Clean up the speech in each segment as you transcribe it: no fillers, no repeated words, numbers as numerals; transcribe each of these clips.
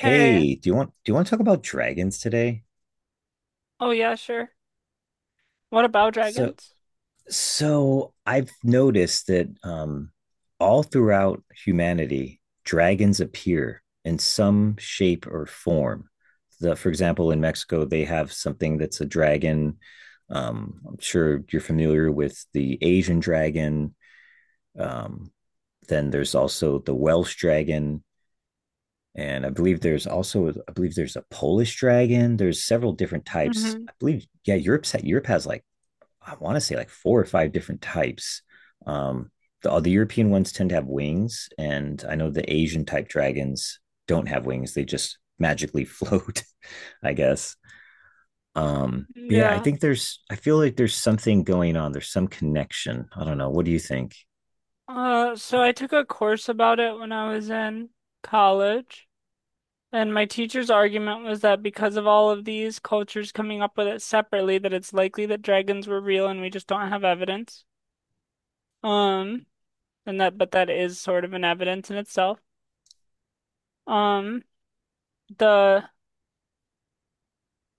Hey, do you want to talk about dragons today? oh yeah, sure. What about So dragons? so I've noticed that all throughout humanity, dragons appear in some shape or form. For example, in Mexico, they have something that's a dragon. I'm sure you're familiar with the Asian dragon. Um, then there's also the Welsh dragon. And I believe there's also, I believe there's a Polish dragon. There's several different types. I Hmm. believe, yeah, Europe has like, I want to say like four or five different types. Um, the European ones tend to have wings, and I know the Asian type dragons don't have wings. They just magically float, I guess. But yeah, Yeah. I feel like there's something going on. There's some connection. I don't know. What do you think? So I took a course about it when I was in college, and my teacher's argument was that because of all of these cultures coming up with it separately, that it's likely that dragons were real and we just don't have evidence. Um, and that, but that is sort of an evidence in itself. Um, the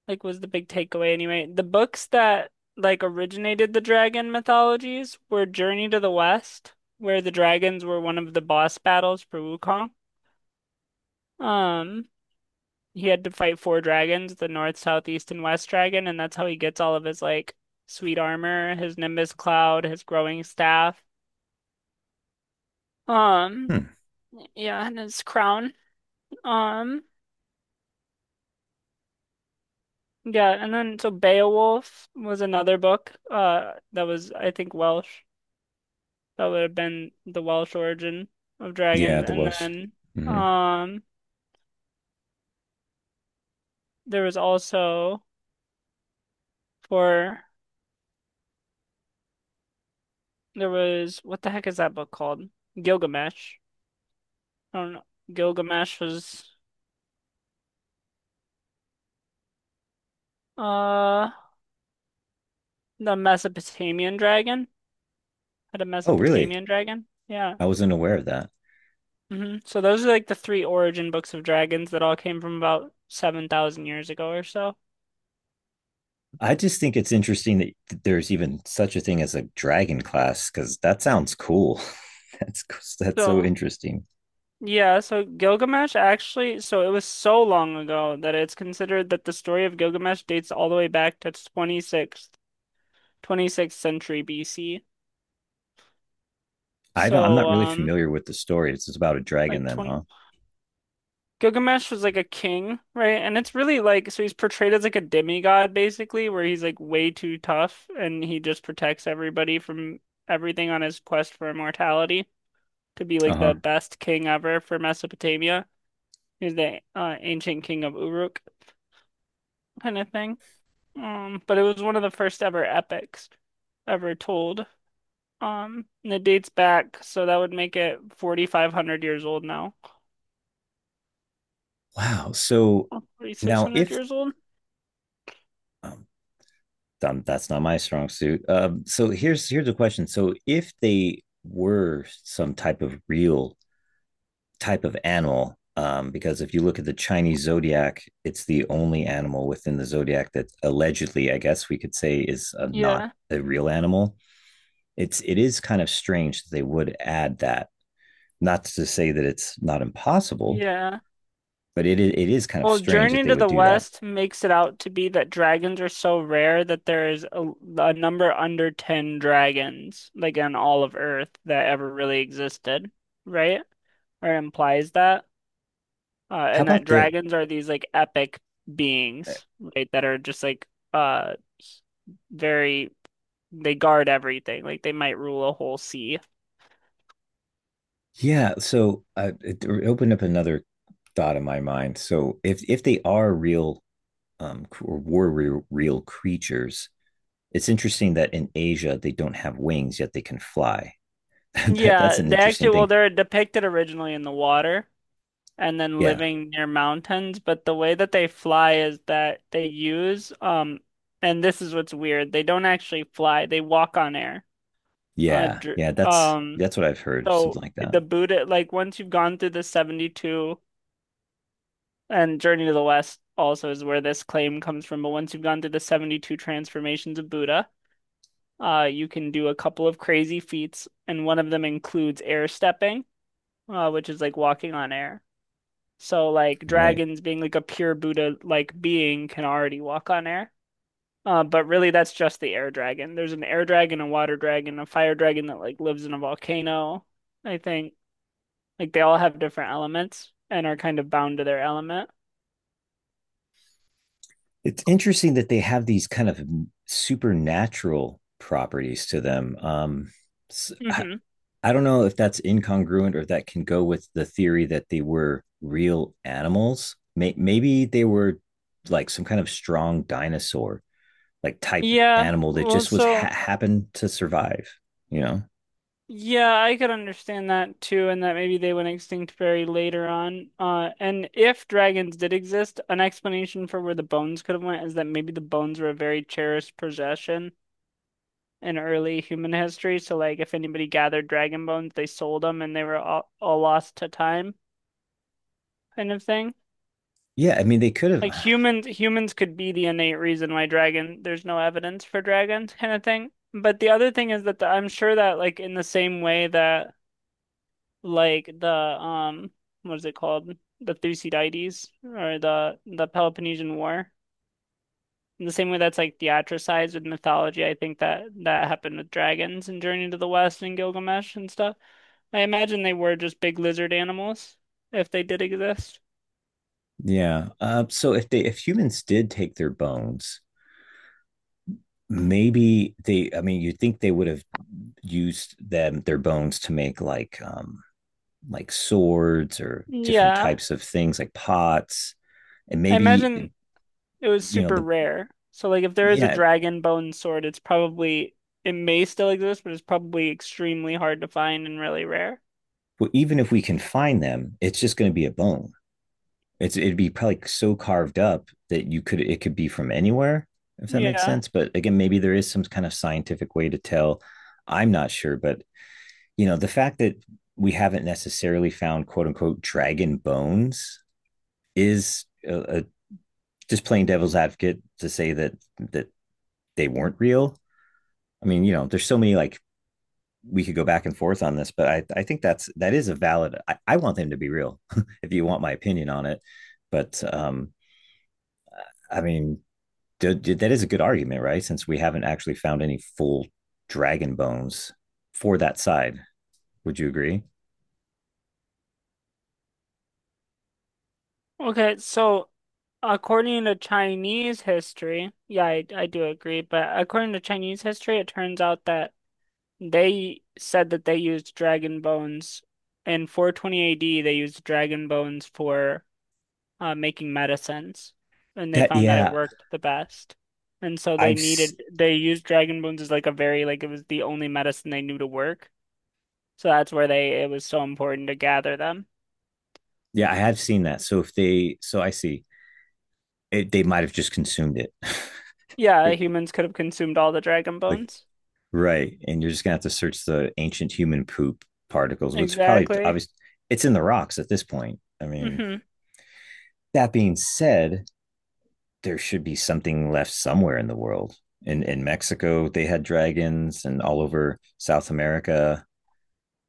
like was the big takeaway anyway. The books that like originated the dragon mythologies were Journey to the West, where the dragons were one of the boss battles for Wukong. Um, he had to fight four dragons, the North, South, East, and West dragon, and that's how he gets all of his like sweet armor, his Nimbus cloud, his growing staff. Um, Hmm. yeah, and his crown. Um, yeah, and then so Beowulf was another book, that was I think Welsh. That would have been the Welsh origin of Yeah, dragons. the And Welsh. then Hmm. um there was also for there was what the heck is that book called? Gilgamesh. I don't know. Gilgamesh was uh the Mesopotamian dragon. Had a Oh, really? Mesopotamian dragon. Yeah. I wasn't aware of that. Hmm. So those are like the three origin books of dragons that all came from about 7,000 years ago or so. I just think it's interesting that there's even such a thing as a dragon class because that sounds cool. That's that's so So interesting. Yeah, so Gilgamesh actually, so it was so long ago that it's considered that the story of Gilgamesh dates all the way back to 26th century BC. I don't. I'm So, not really familiar with the story. It's about a dragon, like then, huh? 20, Gilgamesh was like a king, right? And it's really like, so he's portrayed as like a demigod basically, where he's like way too tough and he just protects everybody from everything on his quest for immortality to be Uh like the huh. best king ever for Mesopotamia. He's the ancient king of Uruk kind of thing. But it was one of the first ever epics ever told. And it dates back, so that would make it 4,500 years old now. Wow. So now, 4,600 if years old? um, that's not my strong suit. So here's a question. So if they were some type of real type of animal because if you look at the Chinese zodiac, it's the only animal within the zodiac that allegedly, I guess we could say, is not Yeah. a real animal. It is kind of strange that they would add that. Not to say that it's not impossible, Yeah. but it is kind of Well, strange that Journey they to would the do that. West makes it out to be that dragons are so rare that there is a number under 10 dragons, like on all of Earth, that ever really existed, right? Or implies that. How And that about the? dragons are these like epic uh, beings, right? That are just like uh very they guard everything. Like they might rule a whole sea. Yeah, so it opened up another thought in my mind. So if they are real or were real, real creatures, it's interesting that in Asia they don't have wings yet they can fly. That's Yeah, an they actually interesting well thing. they're depicted originally in the water and then Yeah. living near mountains, but the way that they fly is that they use and this is what's weird. They don't actually fly. They walk on air. Yeah. Dr Yeah, um that's what I've heard, so something like that. the Buddha like once you've gone through the 72 And Journey to the West also is where this claim comes from. But once you've gone through the 72 transformations of Buddha, you can do a couple of crazy feats, and one of them includes air stepping, which is like walking on air. So like Right. dragons being like a pure Buddha like being can already walk on air. But really that's just the air dragon. There's an air dragon, a water dragon, a fire dragon that like lives in a volcano, I think. Like they all have different elements and are kind of bound to their element. It's interesting that they have these kind of supernatural properties to them. I I, Hmm. I don't know if that's incongruent or if that can go with the theory that they were real animals. Maybe they were like some kind of strong dinosaur like type Yeah, animal that well, just so happened to survive, you know. yeah, I could understand that too, and that maybe they went extinct very later on. And if dragons did exist, an explanation for where the bones could have went is that maybe the bones were a very cherished possession in early human history. So, like, if anybody gathered dragon bones, they sold them, and they were all lost to time, kind of thing. Yeah, I mean they could have. Like humans could be the innate reason why dragon. There's no evidence for dragons, kind of thing. But the other thing is that I'm sure that like in the same way that like the what is it called? The Thucydides or the Peloponnesian War. In the same way that's like theatricized with mythology, I think that that happened with dragons and Journey to the West and Gilgamesh and stuff. I imagine they were just big lizard animals if they did exist. Yeah. So if humans did take their bones, maybe they. I mean, you'd think they would have used them their bones to make like swords or different Yeah, types of things like pots, and I maybe imagine it was you know super the rare. So like if there is a yeah. dragon bone sword, it's probably it may still exist, but it's probably extremely hard to find and really rare. Well, even if we can find them, it's just going to be a bone. It'd be probably like, so carved up that you could it could be from anywhere if that makes Yeah. sense. But again, maybe there is some kind of scientific way to tell. I'm not sure, but you know, the fact that we haven't necessarily found quote unquote dragon bones is just playing devil's advocate to say that that they weren't real. I mean, you know, there's so many like we could go back and forth on this, but I think that is a valid. I want them to be real, if you want my opinion on it. But I mean, that is a good argument, right? Since we haven't actually found any full dragon bones for that side, would you agree? Okay, so according to Chinese history, yeah, I do agree, but according to Chinese history, it turns out that they said that they used dragon bones. In 420 AD, they used dragon bones for making medicines, and they That found that it yeah, worked the best. And so they I've needed, they used dragon bones as like a very, like it was the only medicine they knew to work. So that's where they, it was so important to gather them. yeah, I have seen that. So if they, so I see it, they might have just consumed it. Yeah, They- humans could have consumed all the dragon like, bones. right. And you're just gonna have to search the ancient human poop particles, which probably Exactly. obvious. It's in the rocks at this point. I mean, Hmm. that being said, there should be something left somewhere in the world. In Mexico, they had dragons, and all over South America,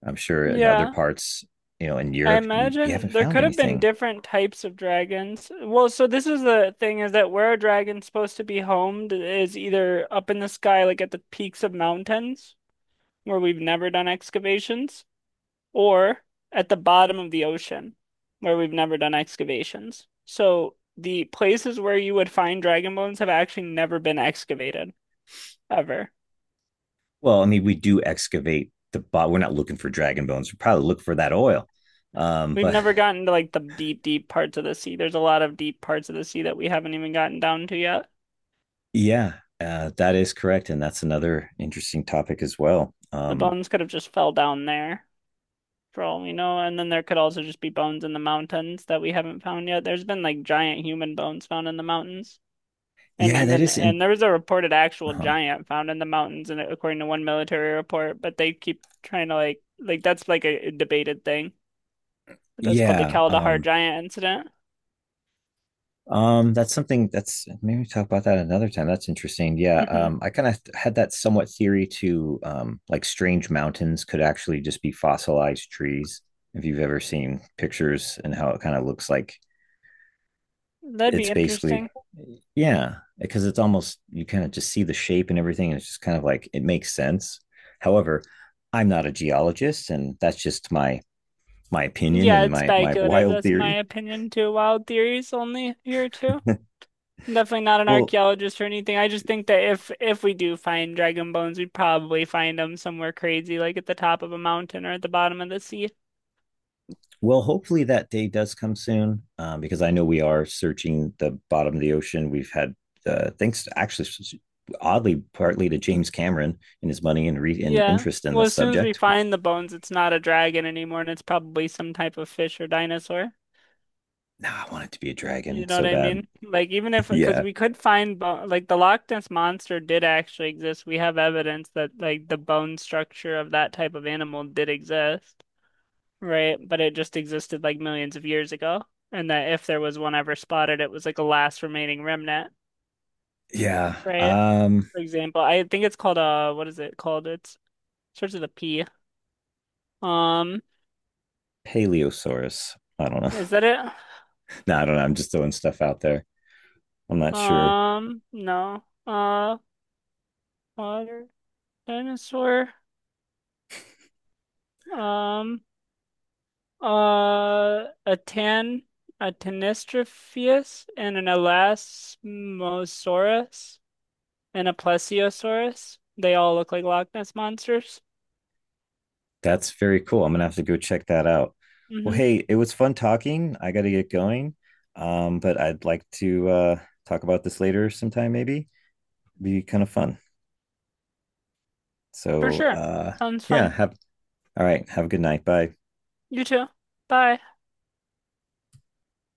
I'm sure in other Yeah, parts, you know, in I Europe, we imagine haven't there found could have been anything. different types of dragons. Well, so this is the thing is that where a dragon's supposed to be homed is either up in the sky, like at the peaks of mountains, where we've never done excavations, or at the bottom of the ocean, where we've never done excavations. So the places where you would find dragon bones have actually never been excavated, ever. Well, I mean, we do excavate the bot. We're not looking for dragon bones. We probably look for that oil. We've But never gotten to like the deep parts of the sea. There's a lot of deep parts of the sea that we haven't even gotten down to yet. yeah, that is correct, and that's another interesting topic as well. The bones could have just fell down there for all we know, and then there could also just be bones in the mountains that we haven't found yet. There's been like giant human bones found in the mountains. And Yeah, that even is in. and there was a reported actual Huh. giant found in the mountains and according to one military report, but they keep trying to like that's like a debated thing. That's called the Yeah, Kaldahar um, giant incident. um, that's something that's maybe we talk about that another time. That's interesting. Yeah, Hmm. um, I kind of had that somewhat theory to, like strange mountains could actually just be fossilized trees. If you've ever seen pictures and how it kind of looks like That'd be it's basically interesting. yeah, because it's almost you kind of just see the shape and everything, and it's just kind of like it makes sense. However, I'm not a geologist, and that's just my opinion Yeah, and it's my speculative. wild That's my theory. opinion too. Wild theories only here too. I'm definitely not an Well, archaeologist or anything. I just think that if we do find dragon bones, we'd probably find them somewhere crazy, like at the top of a mountain or at the bottom of the sea. well, hopefully that day does come soon, because I know we are searching the bottom of the ocean. We've had thanks actually oddly partly to James Cameron and his money and and Yeah. interest in the Well, as soon as we subject. find the bones, it's not a dragon anymore, and it's probably some type of fish or dinosaur. Now I want it to be a You dragon know what so I bad. mean? Like even if because yeah, we could find bo like the Loch Ness monster did actually exist. We have evidence that like the bone structure of that type of animal did exist. Right? But it just existed like millions of years ago. And that if there was one ever spotted, it was like a last remaining remnant, yeah. right? For example, I think it's called what is it called? It's starts with a P. Um, Paleosaurus. I don't know. is that it? No, I don't know. I'm just throwing stuff out there. I'm not sure. No. Water dinosaur. Um, a tan, a Tanistropheus and an Elasmosaurus and a Plesiosaurus. They all look like Loch Ness monsters. That's very cool. I'm gonna have to go check that out. Well, Mm-hmm. hey, it was fun talking. I got to get going, but I'd like to talk about this later sometime. Maybe it'd be kind of fun. For So sure. Sounds yeah, fun. have all right. Have a good night. Bye. You too. Bye.